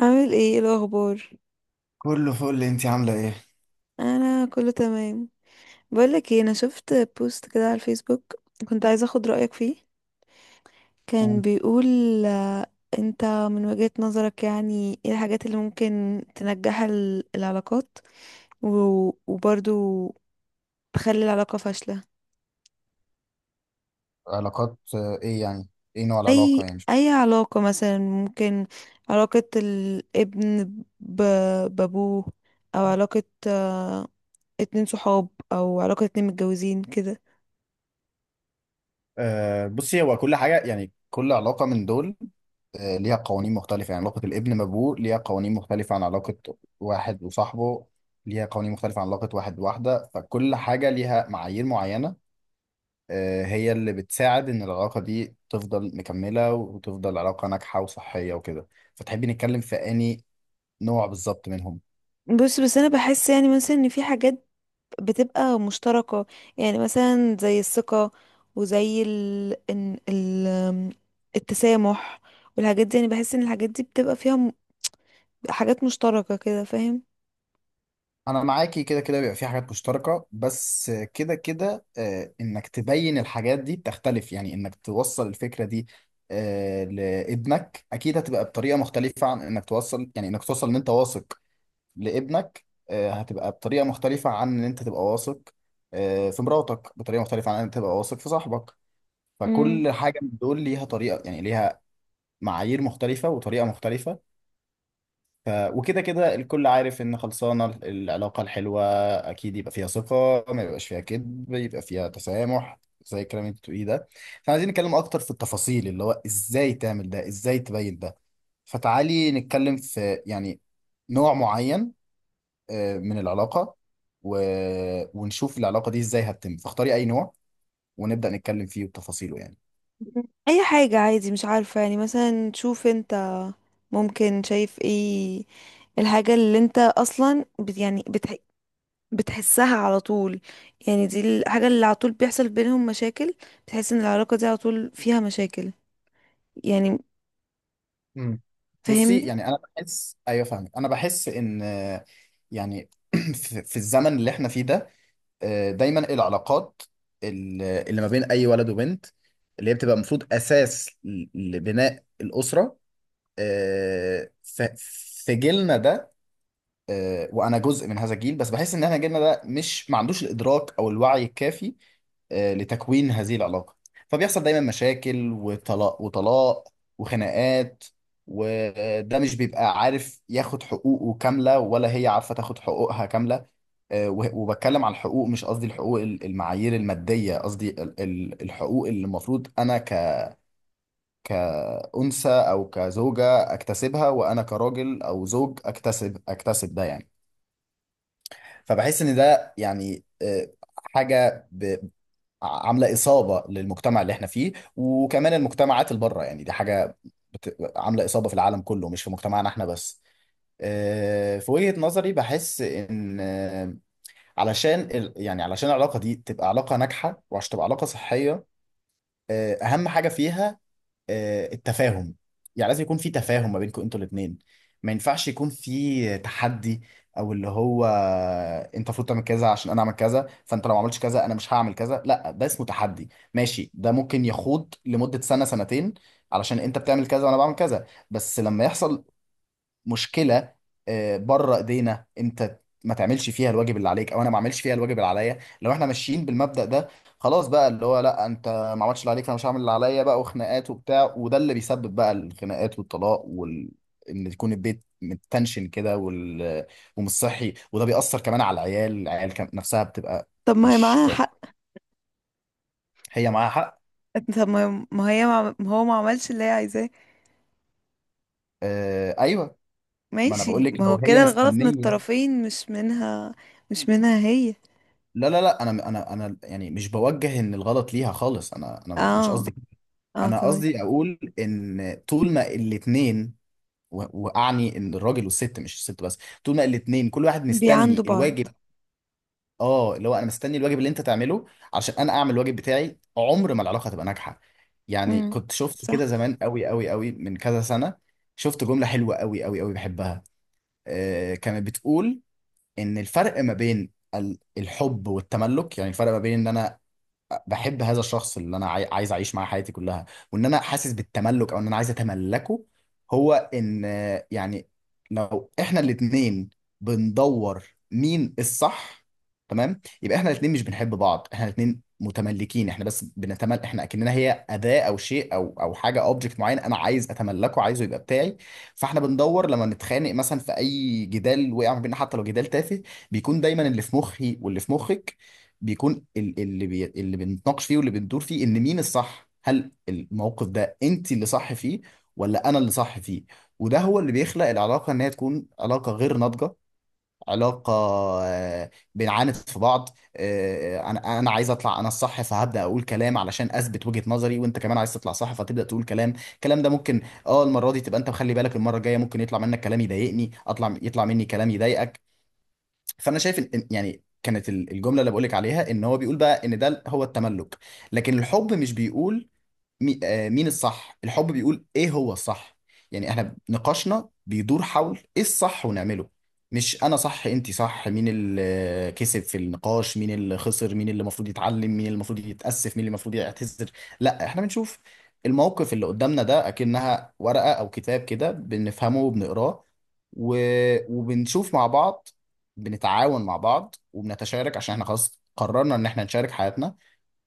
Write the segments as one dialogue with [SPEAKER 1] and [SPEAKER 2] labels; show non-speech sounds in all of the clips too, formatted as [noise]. [SPEAKER 1] عامل ايه؟ إيه الاخبار؟
[SPEAKER 2] كله فل، انت عامله ايه؟
[SPEAKER 1] انا كله تمام. بقولك ايه، انا شفت بوست كده على الفيسبوك، كنت عايزه اخد رايك فيه. كان
[SPEAKER 2] مم.
[SPEAKER 1] بيقول آه، انت من وجهة نظرك يعني ايه الحاجات اللي ممكن تنجح العلاقات، و- وبرضو تخلي العلاقه فاشله؟
[SPEAKER 2] علاقات، ايه يعني؟ ايه نوع العلاقة
[SPEAKER 1] اي
[SPEAKER 2] يعني؟
[SPEAKER 1] اي علاقه مثلا، ممكن علاقه الابن بابوه، او علاقه اتنين صحاب، او علاقه اتنين متجوزين كده.
[SPEAKER 2] بصي، هو كل حاجه، يعني كل علاقه من دول، ليها قوانين مختلفه، يعني علاقه الابن بابوه ليها قوانين مختلفه عن علاقه واحد وصاحبه، ليها قوانين مختلفه عن علاقه واحد بواحده، فكل حاجه ليها معايير معينه، هي اللي بتساعد ان العلاقه دي تفضل مكمله وتفضل علاقه ناجحه وصحيه وكده. فتحبي نتكلم في اني نوع بالظبط منهم؟
[SPEAKER 1] بص، بس انا بحس يعني مثلا ان في حاجات بتبقى مشتركة، يعني مثلا زي الثقة، وزي ال... إن- ال... أم، التسامح والحاجات دي. يعني بحس ان الحاجات دي بتبقى فيها حاجات مشتركة كده، فاهم؟
[SPEAKER 2] انا معاكي، كده كده بيبقى في حاجات مشتركه، بس كده كده انك تبين الحاجات دي بتختلف، يعني انك توصل الفكره دي، لابنك اكيد هتبقى بطريقه مختلفه عن انك توصل، يعني انك توصل ان انت واثق لابنك هتبقى بطريقه مختلفه عن ان انت تبقى واثق في مراتك، بطريقه مختلفه عن ان انت تبقى واثق في صاحبك.
[SPEAKER 1] امم.
[SPEAKER 2] فكل حاجه من دول ليها طريقه، يعني ليها معايير مختلفه وطريقه مختلفه. وكده كده الكل عارف ان خلصانه العلاقه الحلوه اكيد يبقى فيها ثقه، ما يبقاش فيها كذب، يبقى فيها تسامح، زي الكلام اللي انت بتقوليه ده. فعايزين نتكلم اكتر في التفاصيل، اللي هو ازاي تعمل ده، ازاي تبين ده. فتعالي نتكلم في، يعني، نوع معين من العلاقه، و... ونشوف العلاقه دي ازاي هتتم، فاختاري اي نوع ونبدا نتكلم فيه وتفاصيله، يعني.
[SPEAKER 1] اي حاجة عادي، مش عارفة، يعني مثلا شوف انت ممكن شايف ايه الحاجة اللي انت اصلا يعني بتحسها على طول، يعني دي الحاجة اللي على طول بيحصل بينهم مشاكل، بتحس ان العلاقة دي على طول فيها مشاكل، يعني،
[SPEAKER 2] مم. بصي
[SPEAKER 1] فاهمني؟
[SPEAKER 2] يعني، انا بحس، ايوه فاهمك. انا بحس ان، يعني [clears throat] في الزمن اللي احنا فيه ده، دايما العلاقات اللي ما بين اي ولد وبنت، اللي هي بتبقى المفروض اساس لبناء الاسره، آه، ف- في جيلنا ده، وانا جزء من هذا الجيل، بس بحس ان احنا جيلنا ده، مش ما عندوش الادراك او الوعي الكافي لتكوين هذه العلاقه. فبيحصل دايما مشاكل وطلاق وطلاق وخناقات، وده مش بيبقى عارف ياخد حقوقه كامله، ولا هي عارفه تاخد حقوقها كامله. وبتكلم عن الحقوق، مش قصدي الحقوق المعايير الماديه، قصدي الحقوق اللي المفروض انا كأنثى او كزوجه اكتسبها، وانا كراجل او زوج اكتسب ده يعني. فبحس ان ده يعني حاجه عامله اصابه للمجتمع اللي احنا فيه، وكمان المجتمعات اللي بره، يعني دي حاجه عامله اصابه في العالم كله، مش في مجتمعنا احنا بس. في وجهه نظري بحس ان علشان يعني علشان العلاقه دي تبقى علاقه ناجحه، وعشان تبقى علاقه صحيه، اهم حاجه فيها التفاهم. يعني لازم يكون في تفاهم ما بينكم انتوا الاثنين، ما ينفعش يكون في تحدي، او اللي هو، انت المفروض تعمل كذا عشان انا اعمل كذا، فانت لو ما عملتش كذا انا مش هعمل كذا، لا ده اسمه تحدي. ماشي، ده ممكن يخوض لمدة سنة سنتين علشان انت بتعمل كذا وانا بعمل كذا، بس لما يحصل مشكله، بره ايدينا، انت ما تعملش فيها الواجب اللي عليك، او انا ما اعملش فيها الواجب اللي عليا، لو احنا ماشيين بالمبدأ ده، خلاص بقى، اللي هو لا انت ما عملتش اللي عليك فانا مش هعمل اللي عليا بقى، وخناقات وبتاع، وده اللي بيسبب بقى الخناقات والطلاق ان يكون البيت متنشن كده، ومش صحي، وده بيأثر كمان على العيال، نفسها بتبقى
[SPEAKER 1] طب ما هي
[SPEAKER 2] مش
[SPEAKER 1] معاها
[SPEAKER 2] كويس.
[SPEAKER 1] حق.
[SPEAKER 2] هي معاها حق.
[SPEAKER 1] طب ما هي، ما هو ما عملش اللي هي عايزاه.
[SPEAKER 2] آه، ايوه. ما انا بقول
[SPEAKER 1] ماشي،
[SPEAKER 2] لك
[SPEAKER 1] ما
[SPEAKER 2] لو
[SPEAKER 1] هو
[SPEAKER 2] هي
[SPEAKER 1] كده الغلط من
[SPEAKER 2] مستنيه.
[SPEAKER 1] الطرفين، مش منها. مش منها هي.
[SPEAKER 2] لا، لا، لا، انا يعني مش بوجه ان الغلط ليها خالص، انا مش
[SPEAKER 1] اه.
[SPEAKER 2] قصدي كده.
[SPEAKER 1] اه،
[SPEAKER 2] انا
[SPEAKER 1] تمام.
[SPEAKER 2] قصدي اقول ان طول ما الاتنين، واعني ان الراجل والست، مش الست بس، طول ما الاتنين كل واحد مستني
[SPEAKER 1] بيعندوا بعض.
[SPEAKER 2] الواجب. اه، اللي هو انا مستني الواجب اللي انت تعمله عشان انا اعمل الواجب بتاعي، عمر ما العلاقه هتبقى ناجحه. يعني
[SPEAKER 1] امم،
[SPEAKER 2] كنت شفت
[SPEAKER 1] صح.
[SPEAKER 2] كده زمان قوي قوي قوي، من كذا سنه، شفت جمله حلوه قوي قوي قوي بحبها. كانت بتقول ان الفرق ما بين الحب والتملك، يعني الفرق ما بين ان انا بحب هذا الشخص اللي انا عايز اعيش معاه حياتي كلها، وان انا حاسس بالتملك، او ان انا عايز اتملكه، هو ان يعني لو احنا الاتنين بندور مين الصح، تمام، يبقى احنا الاتنين مش بنحب بعض، احنا الاتنين متملكين، احنا بس بنتمل، احنا اكننا هي اداة او شيء او حاجة، اوبجكت معين انا عايز اتملكه، عايزه يبقى بتاعي. فاحنا بندور لما نتخانق مثلا في اي جدال وقع ما بيننا، حتى لو جدال تافه، بيكون دايما اللي في مخي واللي في مخك، بيكون اللي بنتناقش فيه واللي بندور فيه، ان مين الصح. هل الموقف ده انت اللي صح فيه، ولا انا اللي صح فيه؟ وده هو اللي بيخلق العلاقه ان هي تكون علاقه غير ناضجه، علاقه، آه، بنعاند في بعض، انا عايز اطلع انا الصح، فهبدا اقول كلام علشان اثبت وجهه نظري، وانت كمان عايز تطلع صح فتبدا تقول كلام. الكلام ده ممكن، اه، المره دي تبقى انت مخلي بالك، المره الجايه ممكن يطلع منك كلام يضايقني، يطلع مني كلام يضايقك. فانا شايف يعني كانت الجمله اللي بقولك عليها ان هو بيقول بقى ان ده هو التملك، لكن الحب مش بيقول مين الصح. الحب بيقول ايه هو الصح، يعني احنا نقاشنا بيدور حول ايه الصح ونعمله، مش انا صح انت صح، مين اللي كسب في النقاش، مين اللي خسر، مين اللي المفروض يتعلم، مين اللي المفروض يتأسف، مين اللي المفروض يعتذر. لا، احنا بنشوف الموقف اللي قدامنا ده اكنها ورقة او كتاب كده، بنفهمه وبنقراه، و... وبنشوف مع بعض، بنتعاون مع بعض وبنتشارك، عشان احنا خلاص قررنا ان احنا نشارك حياتنا،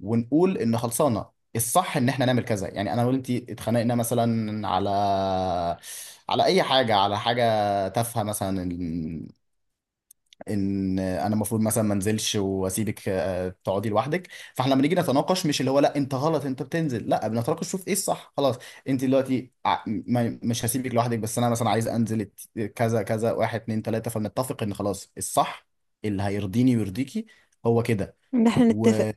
[SPEAKER 2] ونقول ان خلصانه الصح ان احنا نعمل كذا. يعني انا وانت اتخانقنا مثلا على اي حاجه على حاجه تافهه، مثلا ان انا المفروض مثلا ما انزلش واسيبك تقعدي لوحدك. فاحنا لما نيجي نتناقش، مش اللي هو لا انت غلط انت بتنزل، لا بنتناقش شوف ايه الصح، خلاص، انت دلوقتي مش هسيبك لوحدك، بس انا مثلا عايز انزل كذا كذا، واحد اتنين تلاته، فبنتفق ان خلاص الصح اللي هيرضيني ويرضيكي هو كده.
[SPEAKER 1] ان احنا نتفق.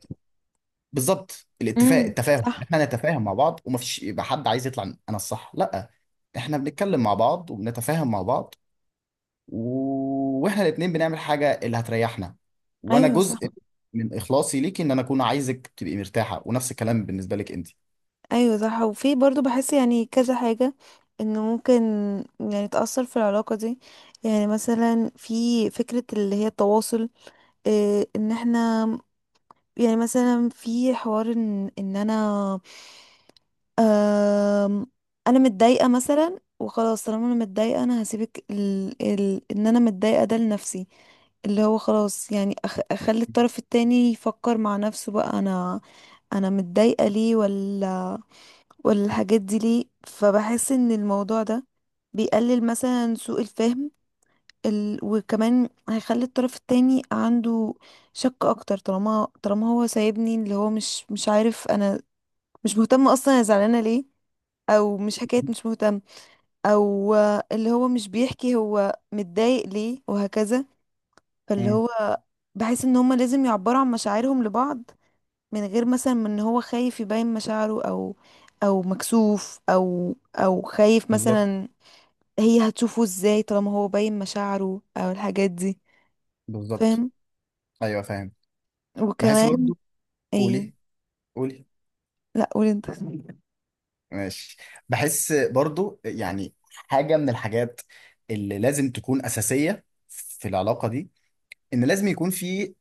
[SPEAKER 2] بالظبط، الاتفاق،
[SPEAKER 1] امم،
[SPEAKER 2] التفاهم،
[SPEAKER 1] صح.
[SPEAKER 2] احنا نتفاهم مع بعض، ومفيش يبقى حد عايز يطلع انا الصح، لا، احنا بنتكلم مع بعض وبنتفاهم مع بعض، و... واحنا الاتنين بنعمل حاجة اللي هتريحنا، وانا
[SPEAKER 1] ايوه، صح.
[SPEAKER 2] جزء من اخلاصي ليكي، ان انا اكون عايزك تبقي مرتاحة، ونفس الكلام بالنسبة لك انت.
[SPEAKER 1] ايوه، صح. وفي برضو بحس يعني كذا حاجة انه ممكن يعني تأثر في العلاقة دي. يعني مثلا في فكرة اللي هي التواصل. إيه، ان احنا يعني مثلا في حوار، ان انا آم، انا متضايقه مثلا، وخلاص طالما انا متضايقه انا هسيبك ان انا متضايقه ده لنفسي، اللي هو خلاص يعني، اخلي الطرف التاني يفكر مع نفسه بقى. انا متضايقه ليه، ولا الحاجات دي ليه. فبحس ان الموضوع ده بيقلل مثلا سوء الفهم، وكمان هيخلي الطرف التاني عنده شك اكتر، طالما هو سايبني، اللي هو مش عارف انا مش مهتم اصلا انا زعلانه ليه، او مش حكايه مش مهتم، او اللي هو مش بيحكي هو متضايق ليه، وهكذا. فاللي
[SPEAKER 2] مم.
[SPEAKER 1] هو بحس ان هما لازم يعبروا عن مشاعرهم لبعض، من غير مثلا من ان هو خايف يبين مشاعره، او مكسوف، او خايف
[SPEAKER 2] بالظبط.
[SPEAKER 1] مثلا هي هتشوفه ازاي، طالما هو باين مشاعره او الحاجات دي.
[SPEAKER 2] بالظبط.
[SPEAKER 1] فاهم؟
[SPEAKER 2] ايوه، فاهم. بحس
[SPEAKER 1] وكمان،
[SPEAKER 2] برضو.
[SPEAKER 1] ايه؟
[SPEAKER 2] قولي. قولي.
[SPEAKER 1] لا، قول انت.
[SPEAKER 2] ماشي. بحس برضو يعني حاجه من الحاجات اللي لازم تكون اساسيه في العلاقه دي، ان لازم يكون في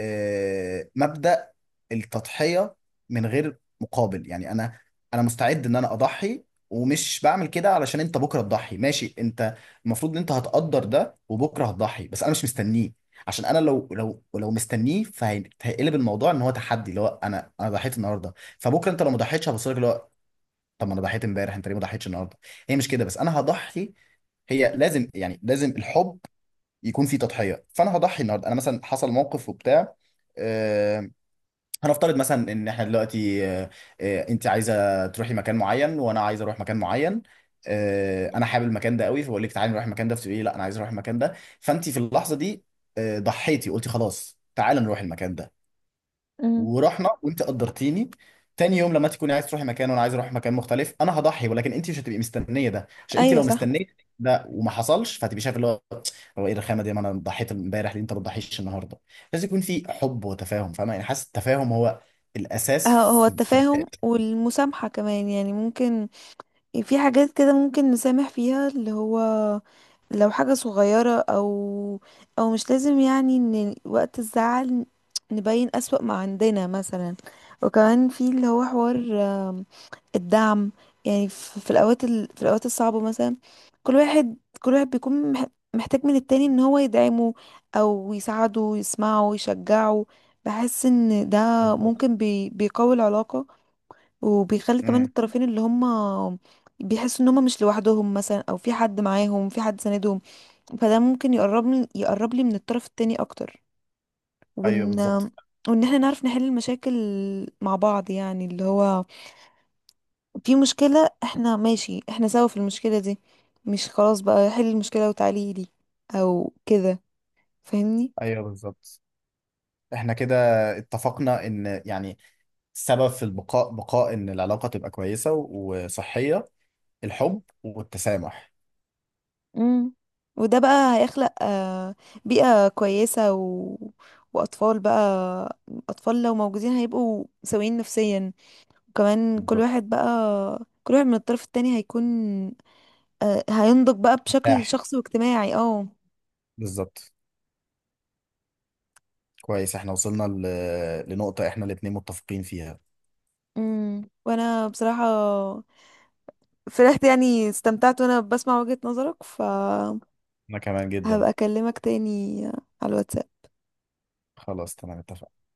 [SPEAKER 2] مبدأ التضحية من غير مقابل، يعني انا مستعد ان انا اضحي، ومش بعمل كده علشان انت بكره تضحي. ماشي، انت المفروض ان انت هتقدر ده، وبكره هتضحي، بس انا مش مستنيه، عشان انا لو مستنيه فهيقلب الموضوع ان هو تحدي، اللي هو انا ضحيت النهارده، فبكره انت لو ما ضحيتش هبص لك اللي هو، طب ما انا ضحيت امبارح، انت ليه ما ضحيتش النهارده؟ هي مش كده، بس انا هضحي، هي لازم، يعني لازم الحب يكون في تضحيه، فانا هضحي النهارده. انا مثلا حصل موقف وبتاع، آه، هنفترض مثلا ان احنا دلوقتي انت عايزه تروحي مكان معين، وانا عايز اروح مكان معين، انا حابب المكان ده قوي، فبقول لك تعالي نروح المكان ده، فتقولي لي لا انا عايز اروح المكان ده. فانت في اللحظه دي ضحيتي، قلتي خلاص تعالى نروح المكان ده،
[SPEAKER 1] مم.
[SPEAKER 2] ورحنا وانت قدرتيني. تاني يوم لما تكوني عايز تروحي مكان وانا عايز اروح مكان مختلف، انا هضحي، ولكن انت مش هتبقي مستنيه ده، عشان انت
[SPEAKER 1] ايوه،
[SPEAKER 2] لو
[SPEAKER 1] صح.
[SPEAKER 2] مستنيه ده وما حصلش، فهتبقي شايف اللي هو، هو ايه الرخامه دي، ما انا ضحيت امبارح، ليه انت ما بتضحيش النهارده؟ لازم يكون في حب وتفاهم، فاهمه يعني، حاسس التفاهم هو الاساس
[SPEAKER 1] هو
[SPEAKER 2] في بداية.
[SPEAKER 1] التفاهم والمسامحة كمان، يعني ممكن في حاجات كده ممكن نسامح فيها، اللي هو لو حاجة صغيرة، او مش لازم يعني ان وقت الزعل نبين أسوأ ما عندنا مثلا. وكمان في اللي هو حوار الدعم، يعني في الاوقات الصعبه مثلا، كل واحد كل واحد بيكون محتاج من التاني ان هو يدعمه او يساعده، يسمعه، يشجعه. بحس ان ده
[SPEAKER 2] بالظبط.
[SPEAKER 1] ممكن بيقوي العلاقه، وبيخلي كمان
[SPEAKER 2] امم.
[SPEAKER 1] الطرفين اللي هم بيحسوا ان هم مش لوحدهم مثلا، او في حد معاهم، في حد ساندهم. فده ممكن يقرب لي من الطرف التاني اكتر.
[SPEAKER 2] ايوه
[SPEAKER 1] وان
[SPEAKER 2] بالظبط.
[SPEAKER 1] وان احنا نعرف نحل المشاكل مع بعض، يعني اللي هو في مشكلة، احنا ماشي احنا سوا في المشكلة دي، مش خلاص بقى حل المشكلة وتعالي لي او كده. فاهمني؟
[SPEAKER 2] ايوه بالظبط، احنا كده اتفقنا ان، يعني، السبب في بقاء ان العلاقه تبقى كويسه وصحيه، الحب والتسامح.
[SPEAKER 1] امم. وده بقى هيخلق بيئة كويسة، و... وأطفال بقى. أطفال لو موجودين هيبقوا سويين نفسيا. وكمان كل
[SPEAKER 2] بالظبط.
[SPEAKER 1] واحد بقى، كل واحد من الطرف التاني هيكون هينضج بقى بشكل شخصي واجتماعي، اه.
[SPEAKER 2] بالظبط، كويس، احنا وصلنا لنقطة احنا الاتنين متفقين فيها.
[SPEAKER 1] امم. وانا بصراحة فرحت، يعني استمتعت وانا بسمع وجهة نظرك.
[SPEAKER 2] انا كمان جدا.
[SPEAKER 1] هبقى اكلمك تاني على الواتساب.
[SPEAKER 2] خلاص، تمام، اتفقنا.